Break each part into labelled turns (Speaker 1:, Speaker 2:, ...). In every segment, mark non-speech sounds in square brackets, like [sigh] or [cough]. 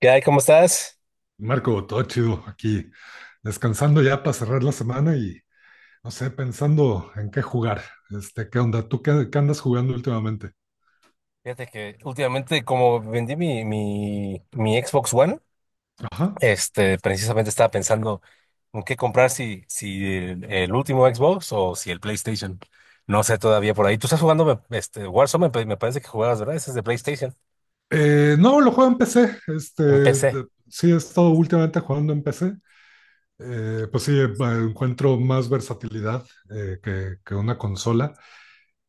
Speaker 1: ¿Qué hay? ¿Cómo estás?
Speaker 2: Marco, todo chido aquí, descansando ya para cerrar la semana y no sé, pensando en qué jugar. ¿Qué onda? ¿Tú qué andas jugando últimamente?
Speaker 1: Fíjate que últimamente, como vendí mi Xbox One,
Speaker 2: Ajá.
Speaker 1: precisamente estaba pensando en qué comprar, si el último Xbox o si el PlayStation. No sé todavía por ahí. Tú estás jugando Warzone, me parece que jugabas, ¿verdad? Ese es de PlayStation,
Speaker 2: No, lo juego en PC.
Speaker 1: en PC.
Speaker 2: Sí, he estado últimamente jugando en PC. Pues sí, encuentro más versatilidad que una consola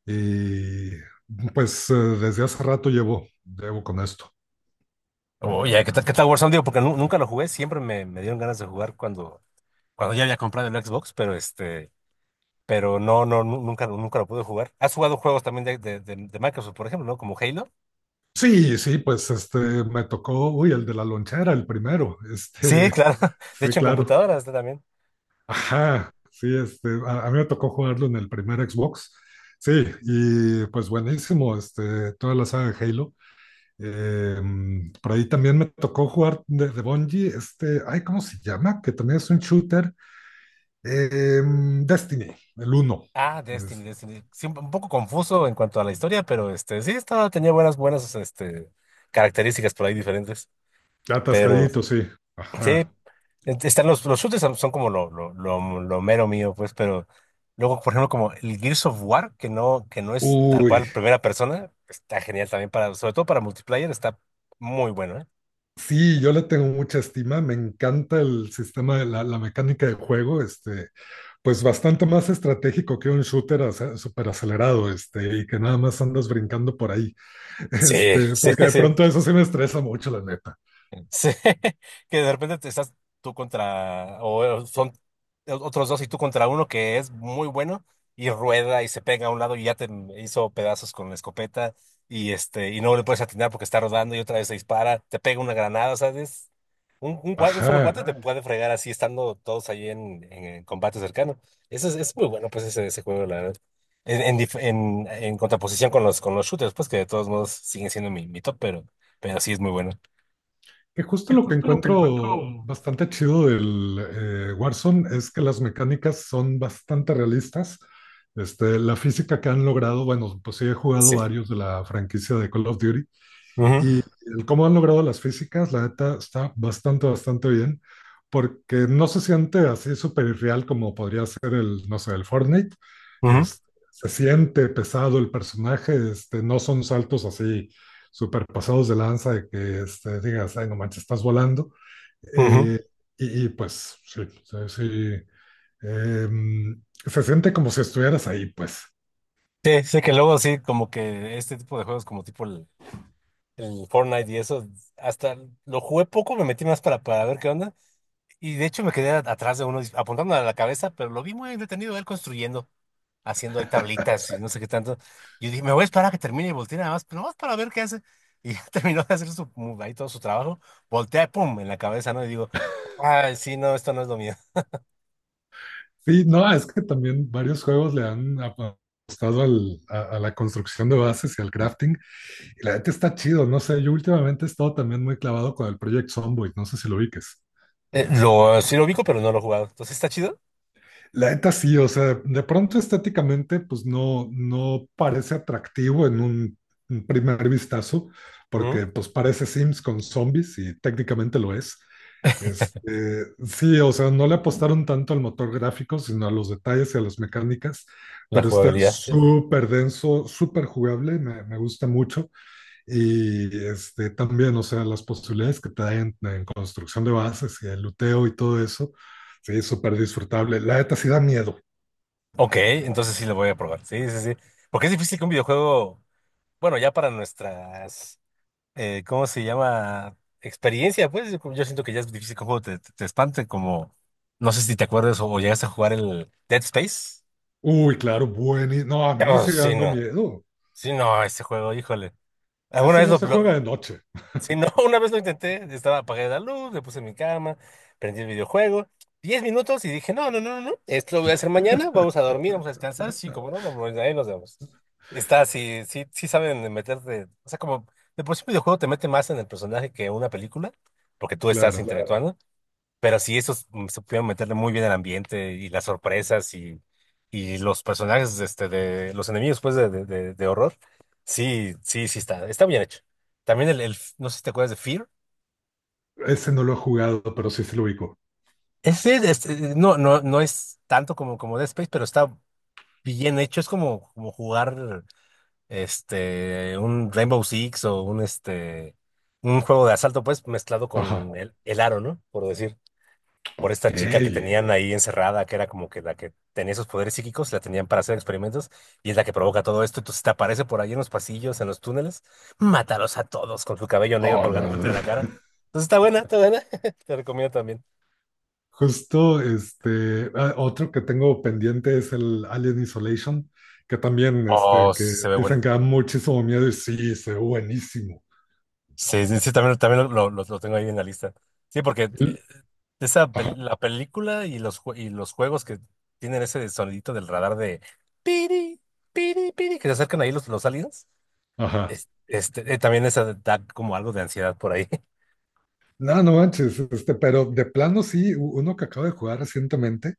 Speaker 2: y pues desde hace rato llevo con esto.
Speaker 1: Oye, ¿qué tal Warzone? Digo, porque nunca lo jugué, siempre me dieron ganas de jugar cuando, cuando ya había comprado el Xbox, pero pero nunca lo pude jugar. ¿Has jugado juegos también de Microsoft, por ejemplo, ¿no? Como Halo.
Speaker 2: Sí, pues me tocó, uy, el de la lonchera, el primero. [laughs]
Speaker 1: Sí, claro. [laughs] De
Speaker 2: Sí,
Speaker 1: hecho, en
Speaker 2: claro.
Speaker 1: computadora está también.
Speaker 2: Ajá, sí, a mí me tocó jugarlo en el primer Xbox. Sí, y pues buenísimo, toda la saga de Halo. Por ahí también me tocó jugar de Bungie, ay, ¿cómo se llama? Que también es un shooter. Destiny, el uno.
Speaker 1: Ah,
Speaker 2: Es-
Speaker 1: Destiny. Sí, un poco confuso en cuanto a la historia, pero sí, estaba, tenía buenas características por ahí diferentes. Pero
Speaker 2: Atascadito, sí.
Speaker 1: sí,
Speaker 2: Ajá.
Speaker 1: están los shooters son, son como lo mero mío, pues, pero luego, por ejemplo, como el Gears of War, que no es tal
Speaker 2: Uy,
Speaker 1: cual primera persona, está genial también para, sobre todo para multiplayer, está muy bueno, ¿eh?
Speaker 2: sí, yo le tengo mucha estima, me encanta el sistema de la mecánica de juego, pues bastante más estratégico que un shooter súper acelerado, y que nada más andas brincando por ahí, [laughs]
Speaker 1: Sí, [laughs] sí,
Speaker 2: porque de
Speaker 1: sí.
Speaker 2: pronto eso sí me estresa mucho, la neta.
Speaker 1: Sí, [laughs] que de repente te estás tú contra, o son otros dos y tú contra uno que es muy bueno y rueda y se pega a un lado y ya te hizo pedazos con la escopeta y y no le puedes atinar porque está rodando y otra vez se dispara, te pega una granada, ¿sabes? Un solo
Speaker 2: Ajá,
Speaker 1: cuate te puede fregar así estando todos ahí en combate cercano. Es muy bueno, pues, ese juego, la verdad. En contraposición con con los shooters, pues, que de todos modos siguen siendo mi top, pero sí es muy bueno.
Speaker 2: que
Speaker 1: Y
Speaker 2: justo lo que
Speaker 1: justo lo que
Speaker 2: encuentro
Speaker 1: encuentro,
Speaker 2: bastante chido del Warzone es que las mecánicas son bastante realistas. La física que han logrado, bueno, pues sí he jugado
Speaker 1: sí.
Speaker 2: varios de la franquicia de Call of Duty.
Speaker 1: Ujú,
Speaker 2: Y el cómo han logrado las físicas, la neta, está bastante bien, porque no se siente así súper irreal como podría ser el, no sé, el Fortnite.
Speaker 1: ujú,
Speaker 2: Es- Se siente pesado el personaje, no son saltos así súper pasados de lanza de que digas, ay, no manches, estás volando.
Speaker 1: ujú.
Speaker 2: Eh, pues, sí, se siente como si estuvieras ahí, pues.
Speaker 1: Sí, sí, que luego sí, como que este tipo de juegos, como tipo el Fortnite y eso, hasta lo jugué poco, me metí más para ver qué onda. Y de hecho me quedé atrás de uno apuntándole a la cabeza, pero lo vi muy entretenido él construyendo, haciendo ahí tablitas y no sé qué tanto. Y yo dije, me voy a esperar a que termine y voltee nada más, pero más para ver qué hace. Y ya [laughs] terminó de hacer su, ahí todo su trabajo, voltea, pum, en la cabeza, ¿no? Y digo, ah sí, no, esto no es lo mío.
Speaker 2: Sí, no, es que también varios juegos le han apostado a la construcción de bases y al crafting, y la neta está chido, no sé, yo últimamente he estado también muy clavado con el Project Zomboid, no sé si lo ubiques.
Speaker 1: Lo, sí lo ubico, pero no lo he jugado. Entonces está chido.
Speaker 2: La neta sí, o sea, de pronto estéticamente, pues no, no parece atractivo en un primer vistazo,
Speaker 1: Ujú.
Speaker 2: porque pues parece Sims con zombies y técnicamente lo es. Sí, o sea, no le apostaron tanto al motor gráfico, sino a los detalles y a las mecánicas,
Speaker 1: La
Speaker 2: pero está
Speaker 1: jugabilidad, sí.
Speaker 2: súper denso, súper jugable, me gusta mucho. Y también, o sea, las posibilidades que te dan en construcción de bases y el luteo y todo eso, sí, súper disfrutable. La neta sí da miedo.
Speaker 1: Ok, entonces sí lo voy a probar. Sí, sí, sí. Porque es difícil que un videojuego, bueno, ya para nuestras, ¿cómo se llama? Experiencia, pues yo siento que ya es difícil que un juego te espante, como, no sé si te acuerdas o llegaste a jugar el Dead Space.
Speaker 2: Uy, claro, bueno. No, a mí me
Speaker 1: Oh,
Speaker 2: sigue
Speaker 1: sí,
Speaker 2: dando
Speaker 1: no.
Speaker 2: miedo.
Speaker 1: Sí, no, ese juego, híjole. ¿Alguna
Speaker 2: Ese
Speaker 1: vez
Speaker 2: no se juega de noche,
Speaker 1: si no, [laughs] una vez lo intenté, estaba apagada la luz, me puse en mi cama, prendí el videojuego, 10 minutos y dije, no, no, no, no, no, esto lo voy a hacer mañana, vamos a dormir, vamos a descansar, sí, como no, vamos, ahí nos vemos. Está, sí, sí, sí saben meterte, o sea, como de por sí un videojuego te mete más en el personaje que una película, porque tú estás, claro,
Speaker 2: claro.
Speaker 1: interactuando, pero sí, esos supieron meterle muy bien el ambiente y las sorpresas y los personajes de los enemigos pues, de horror. Sí, sí, sí está, está bien hecho. También no sé si te acuerdas de Fear.
Speaker 2: Ese no lo he jugado, pero sí se lo ubico.
Speaker 1: Ese, no, no, no es tanto como, como Dead Space, pero está bien hecho. Es como, como jugar un Rainbow Six o un, un juego de asalto, pues, mezclado con
Speaker 2: Ajá.
Speaker 1: el aro, ¿no? Por decir. Por
Speaker 2: Ok.
Speaker 1: esta chica que tenían ahí encerrada, que era como que la que tenía esos poderes psíquicos, la tenían para hacer experimentos, y es la que provoca todo esto. Entonces te aparece por ahí en los pasillos, en los túneles, mátalos a todos con su cabello negro
Speaker 2: Oh,
Speaker 1: colgando
Speaker 2: no,
Speaker 1: frente de la cara.
Speaker 2: no. [laughs]
Speaker 1: Entonces está buena, está buena. [laughs] Te recomiendo también.
Speaker 2: Justo, otro que tengo pendiente es el Alien Isolation, que también,
Speaker 1: Oh,
Speaker 2: que
Speaker 1: se ve
Speaker 2: dicen
Speaker 1: buena.
Speaker 2: que da muchísimo miedo y sí, se ve buenísimo.
Speaker 1: Sí, sí, sí, también, también lo tengo ahí en la lista. Sí, porque esa
Speaker 2: Ajá,
Speaker 1: la película y los, y los juegos que tienen ese sonidito del radar de piri, piri, piri, que se acercan ahí los aliens.
Speaker 2: ajá.
Speaker 1: También esa da como algo de ansiedad por ahí. [laughs]
Speaker 2: No, no manches, pero de plano sí, uno que acabo de jugar recientemente,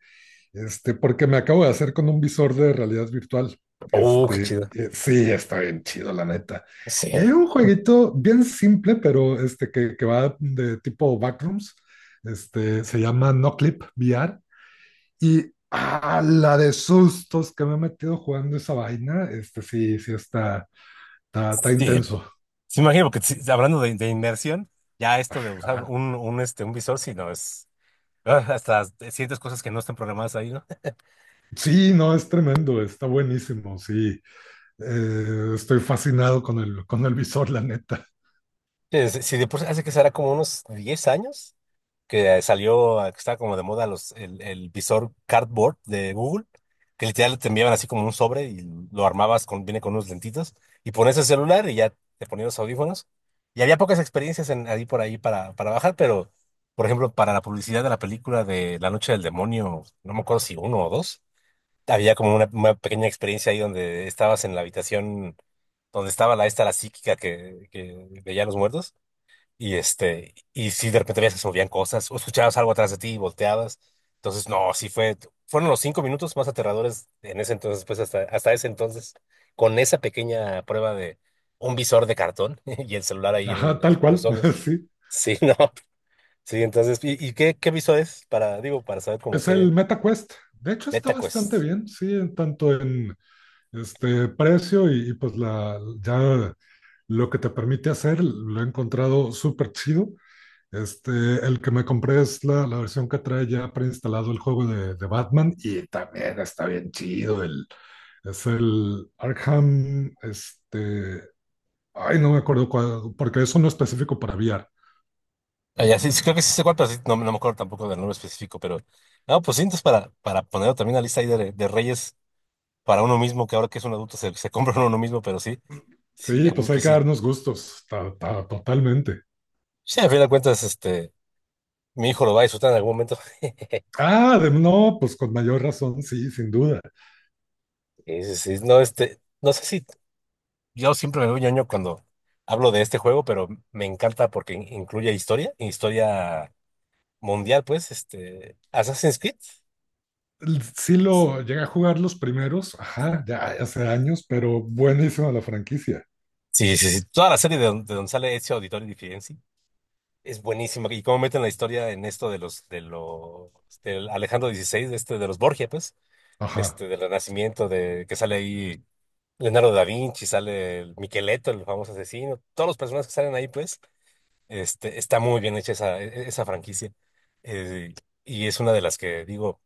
Speaker 2: porque me acabo de hacer con un visor de realidad virtual.
Speaker 1: Oh, qué chido.
Speaker 2: Sí, está bien chido, la neta.
Speaker 1: Sí.
Speaker 2: Y hay un jueguito bien simple, pero que va de tipo backrooms, se llama No Clip VR, y ah, la de sustos que me he metido jugando esa vaina, sí, sí está, está, está
Speaker 1: Sí,
Speaker 2: intenso.
Speaker 1: sí, imagino, porque sí, hablando de inmersión, ya esto de usar
Speaker 2: Ah,
Speaker 1: un, un visor, si no es, ah, hasta sientes cosas que no están programadas ahí, ¿no? [laughs]
Speaker 2: sí, no, es tremendo, está buenísimo, sí. Estoy fascinado con el visor, la neta.
Speaker 1: Si, si de por sí hace que será como unos 10 años, que salió, que estaba como de moda los, el visor cardboard de Google, que literal te enviaban así como un sobre y lo armabas con, viene con unos lentitos, y pones el celular y ya te ponías los audífonos. Y había pocas experiencias en, ahí por ahí para bajar, pero, por ejemplo, para la publicidad de la película de La Noche del Demonio, no me acuerdo si uno o dos, había como una pequeña experiencia ahí donde estabas en la habitación donde estaba la esta, la psíquica que veía a los muertos. Y y si de repente veías que se movían cosas, o escuchabas algo atrás de ti y volteabas. Entonces, no, sí fue, fueron los cinco minutos más aterradores en ese entonces, pues hasta, hasta ese entonces, con esa pequeña prueba de un visor de cartón [laughs] y el celular ahí
Speaker 2: Ajá,
Speaker 1: en
Speaker 2: tal
Speaker 1: los
Speaker 2: cual,
Speaker 1: ojos.
Speaker 2: [laughs] sí.
Speaker 1: Sí, [laughs] no, sí, entonces, ¿y qué, qué visor es? Para, digo, para saber como
Speaker 2: Es
Speaker 1: qué.
Speaker 2: el MetaQuest. De hecho, está
Speaker 1: Meta
Speaker 2: bastante
Speaker 1: Quest.
Speaker 2: bien, sí, en tanto en este precio y pues la, ya lo que te permite hacer, lo he encontrado súper chido. Este, el que me compré es la versión que trae ya preinstalado el juego de Batman y también está bien chido. El, es el Arkham, ay, no me acuerdo cuál, porque eso no es específico para VR.
Speaker 1: Ah, ya, sí, sí, creo que sí sé cuál, pero sí, no, no me acuerdo tampoco del nombre específico, pero, no, pues sí, entonces para ponerlo también en la lista ahí de reyes para uno mismo, que ahora que es un adulto se compra uno mismo, pero sí, sí,
Speaker 2: Sí,
Speaker 1: a huevo
Speaker 2: pues
Speaker 1: que
Speaker 2: hay que
Speaker 1: sí.
Speaker 2: darnos gustos, totalmente.
Speaker 1: Ya, al final de cuentas, mi hijo lo va a disfrutar en algún momento. [laughs]
Speaker 2: Ah, no, pues con mayor razón, sí, sin duda.
Speaker 1: Sí, sí, sí. No, no sé si yo siempre me veo ñoño cuando hablo de este juego, pero me encanta porque incluye historia, historia mundial, pues, este, Assassin's Creed.
Speaker 2: Sí lo llegué a jugar los primeros, ajá, ya hace años, pero buenísima la franquicia,
Speaker 1: Sí, sí, sí. Toda la serie de, de donde sale Ezio Auditore y Firenze es buenísima. Y cómo meten la historia en esto de los, del Alejandro XVI, de los Borgia, pues.
Speaker 2: ajá.
Speaker 1: Del Renacimiento, de que sale ahí Leonardo da Vinci, sale el Micheletto, el famoso asesino, todos los personajes que salen ahí, pues, está muy bien hecha esa, esa franquicia. Eh, y es una de las que digo,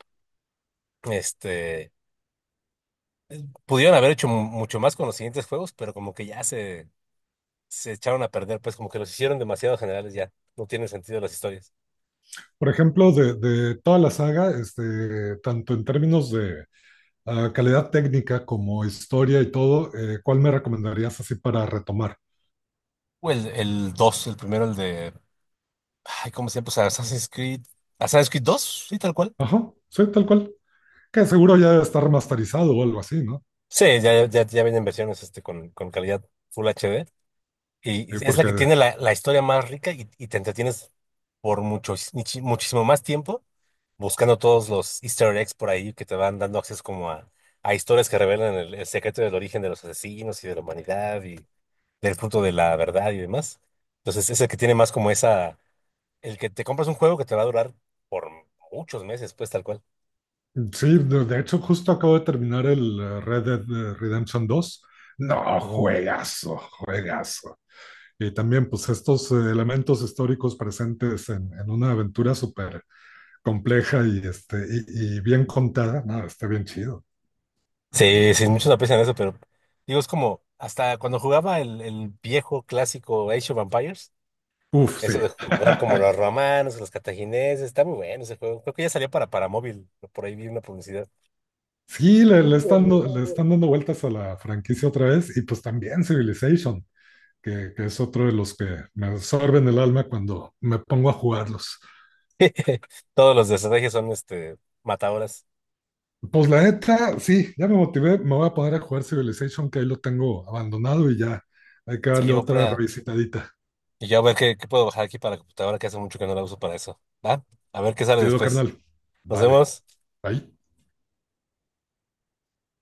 Speaker 1: este, pudieron haber hecho mucho más con los siguientes juegos, pero como que ya se echaron a perder, pues como que los hicieron demasiado generales ya, no tienen sentido las historias.
Speaker 2: Por ejemplo, de toda la saga, tanto en términos de calidad técnica como historia y todo, ¿cuál me recomendarías así para retomar?
Speaker 1: O el 2, el primero, el de, ay, ¿cómo se llama? Pues Assassin's Creed, Assassin's Creed 2, sí, tal cual.
Speaker 2: Ajá, sí, tal cual. Que seguro ya está remasterizado o algo así, ¿no?
Speaker 1: Sí, ya, ya, ya vienen versiones con calidad Full HD. Y es la
Speaker 2: Porque
Speaker 1: que tiene la, la historia más rica y te entretienes por mucho, muchísimo más tiempo buscando todos los Easter eggs por ahí que te van dando acceso como a historias que revelan el secreto del origen de los asesinos y de la humanidad y del fruto de la verdad y demás. Entonces es el que tiene más como esa, el que te compras un juego que te va a durar por muchos meses, pues tal cual.
Speaker 2: Sí, de hecho, justo acabo de terminar el Red Dead Redemption 2. No, juegazo, juegazo. Y también, pues, estos elementos históricos presentes en una aventura súper compleja y, y bien contada. No, está bien chido.
Speaker 1: Sí, sí, muchos aprecian eso, pero digo, es como hasta cuando jugaba el viejo clásico Age of Empires,
Speaker 2: Uf,
Speaker 1: eso
Speaker 2: sí.
Speaker 1: de jugar como los romanos, los cartagineses, está muy bueno ese juego. Creo que ya salió para móvil, por ahí vi una publicidad.
Speaker 2: Sí, le están, le están dando vueltas a la franquicia otra vez. Y pues también Civilization, que es otro de los que me absorben el alma cuando me pongo a jugarlos.
Speaker 1: [laughs] Todos los de estrategia son matadoras.
Speaker 2: Pues la neta, sí, ya me motivé, me voy a poner a jugar Civilization, que ahí lo tengo abandonado y ya hay que
Speaker 1: Sí,
Speaker 2: darle
Speaker 1: voy por
Speaker 2: otra
Speaker 1: allá.
Speaker 2: revisitadita.
Speaker 1: Y yo a ver qué, qué puedo bajar aquí para la computadora, que hace mucho que no la uso para eso. ¿Va? A ver qué sale
Speaker 2: Chido,
Speaker 1: después.
Speaker 2: carnal.
Speaker 1: Nos
Speaker 2: Vale,
Speaker 1: vemos.
Speaker 2: bye.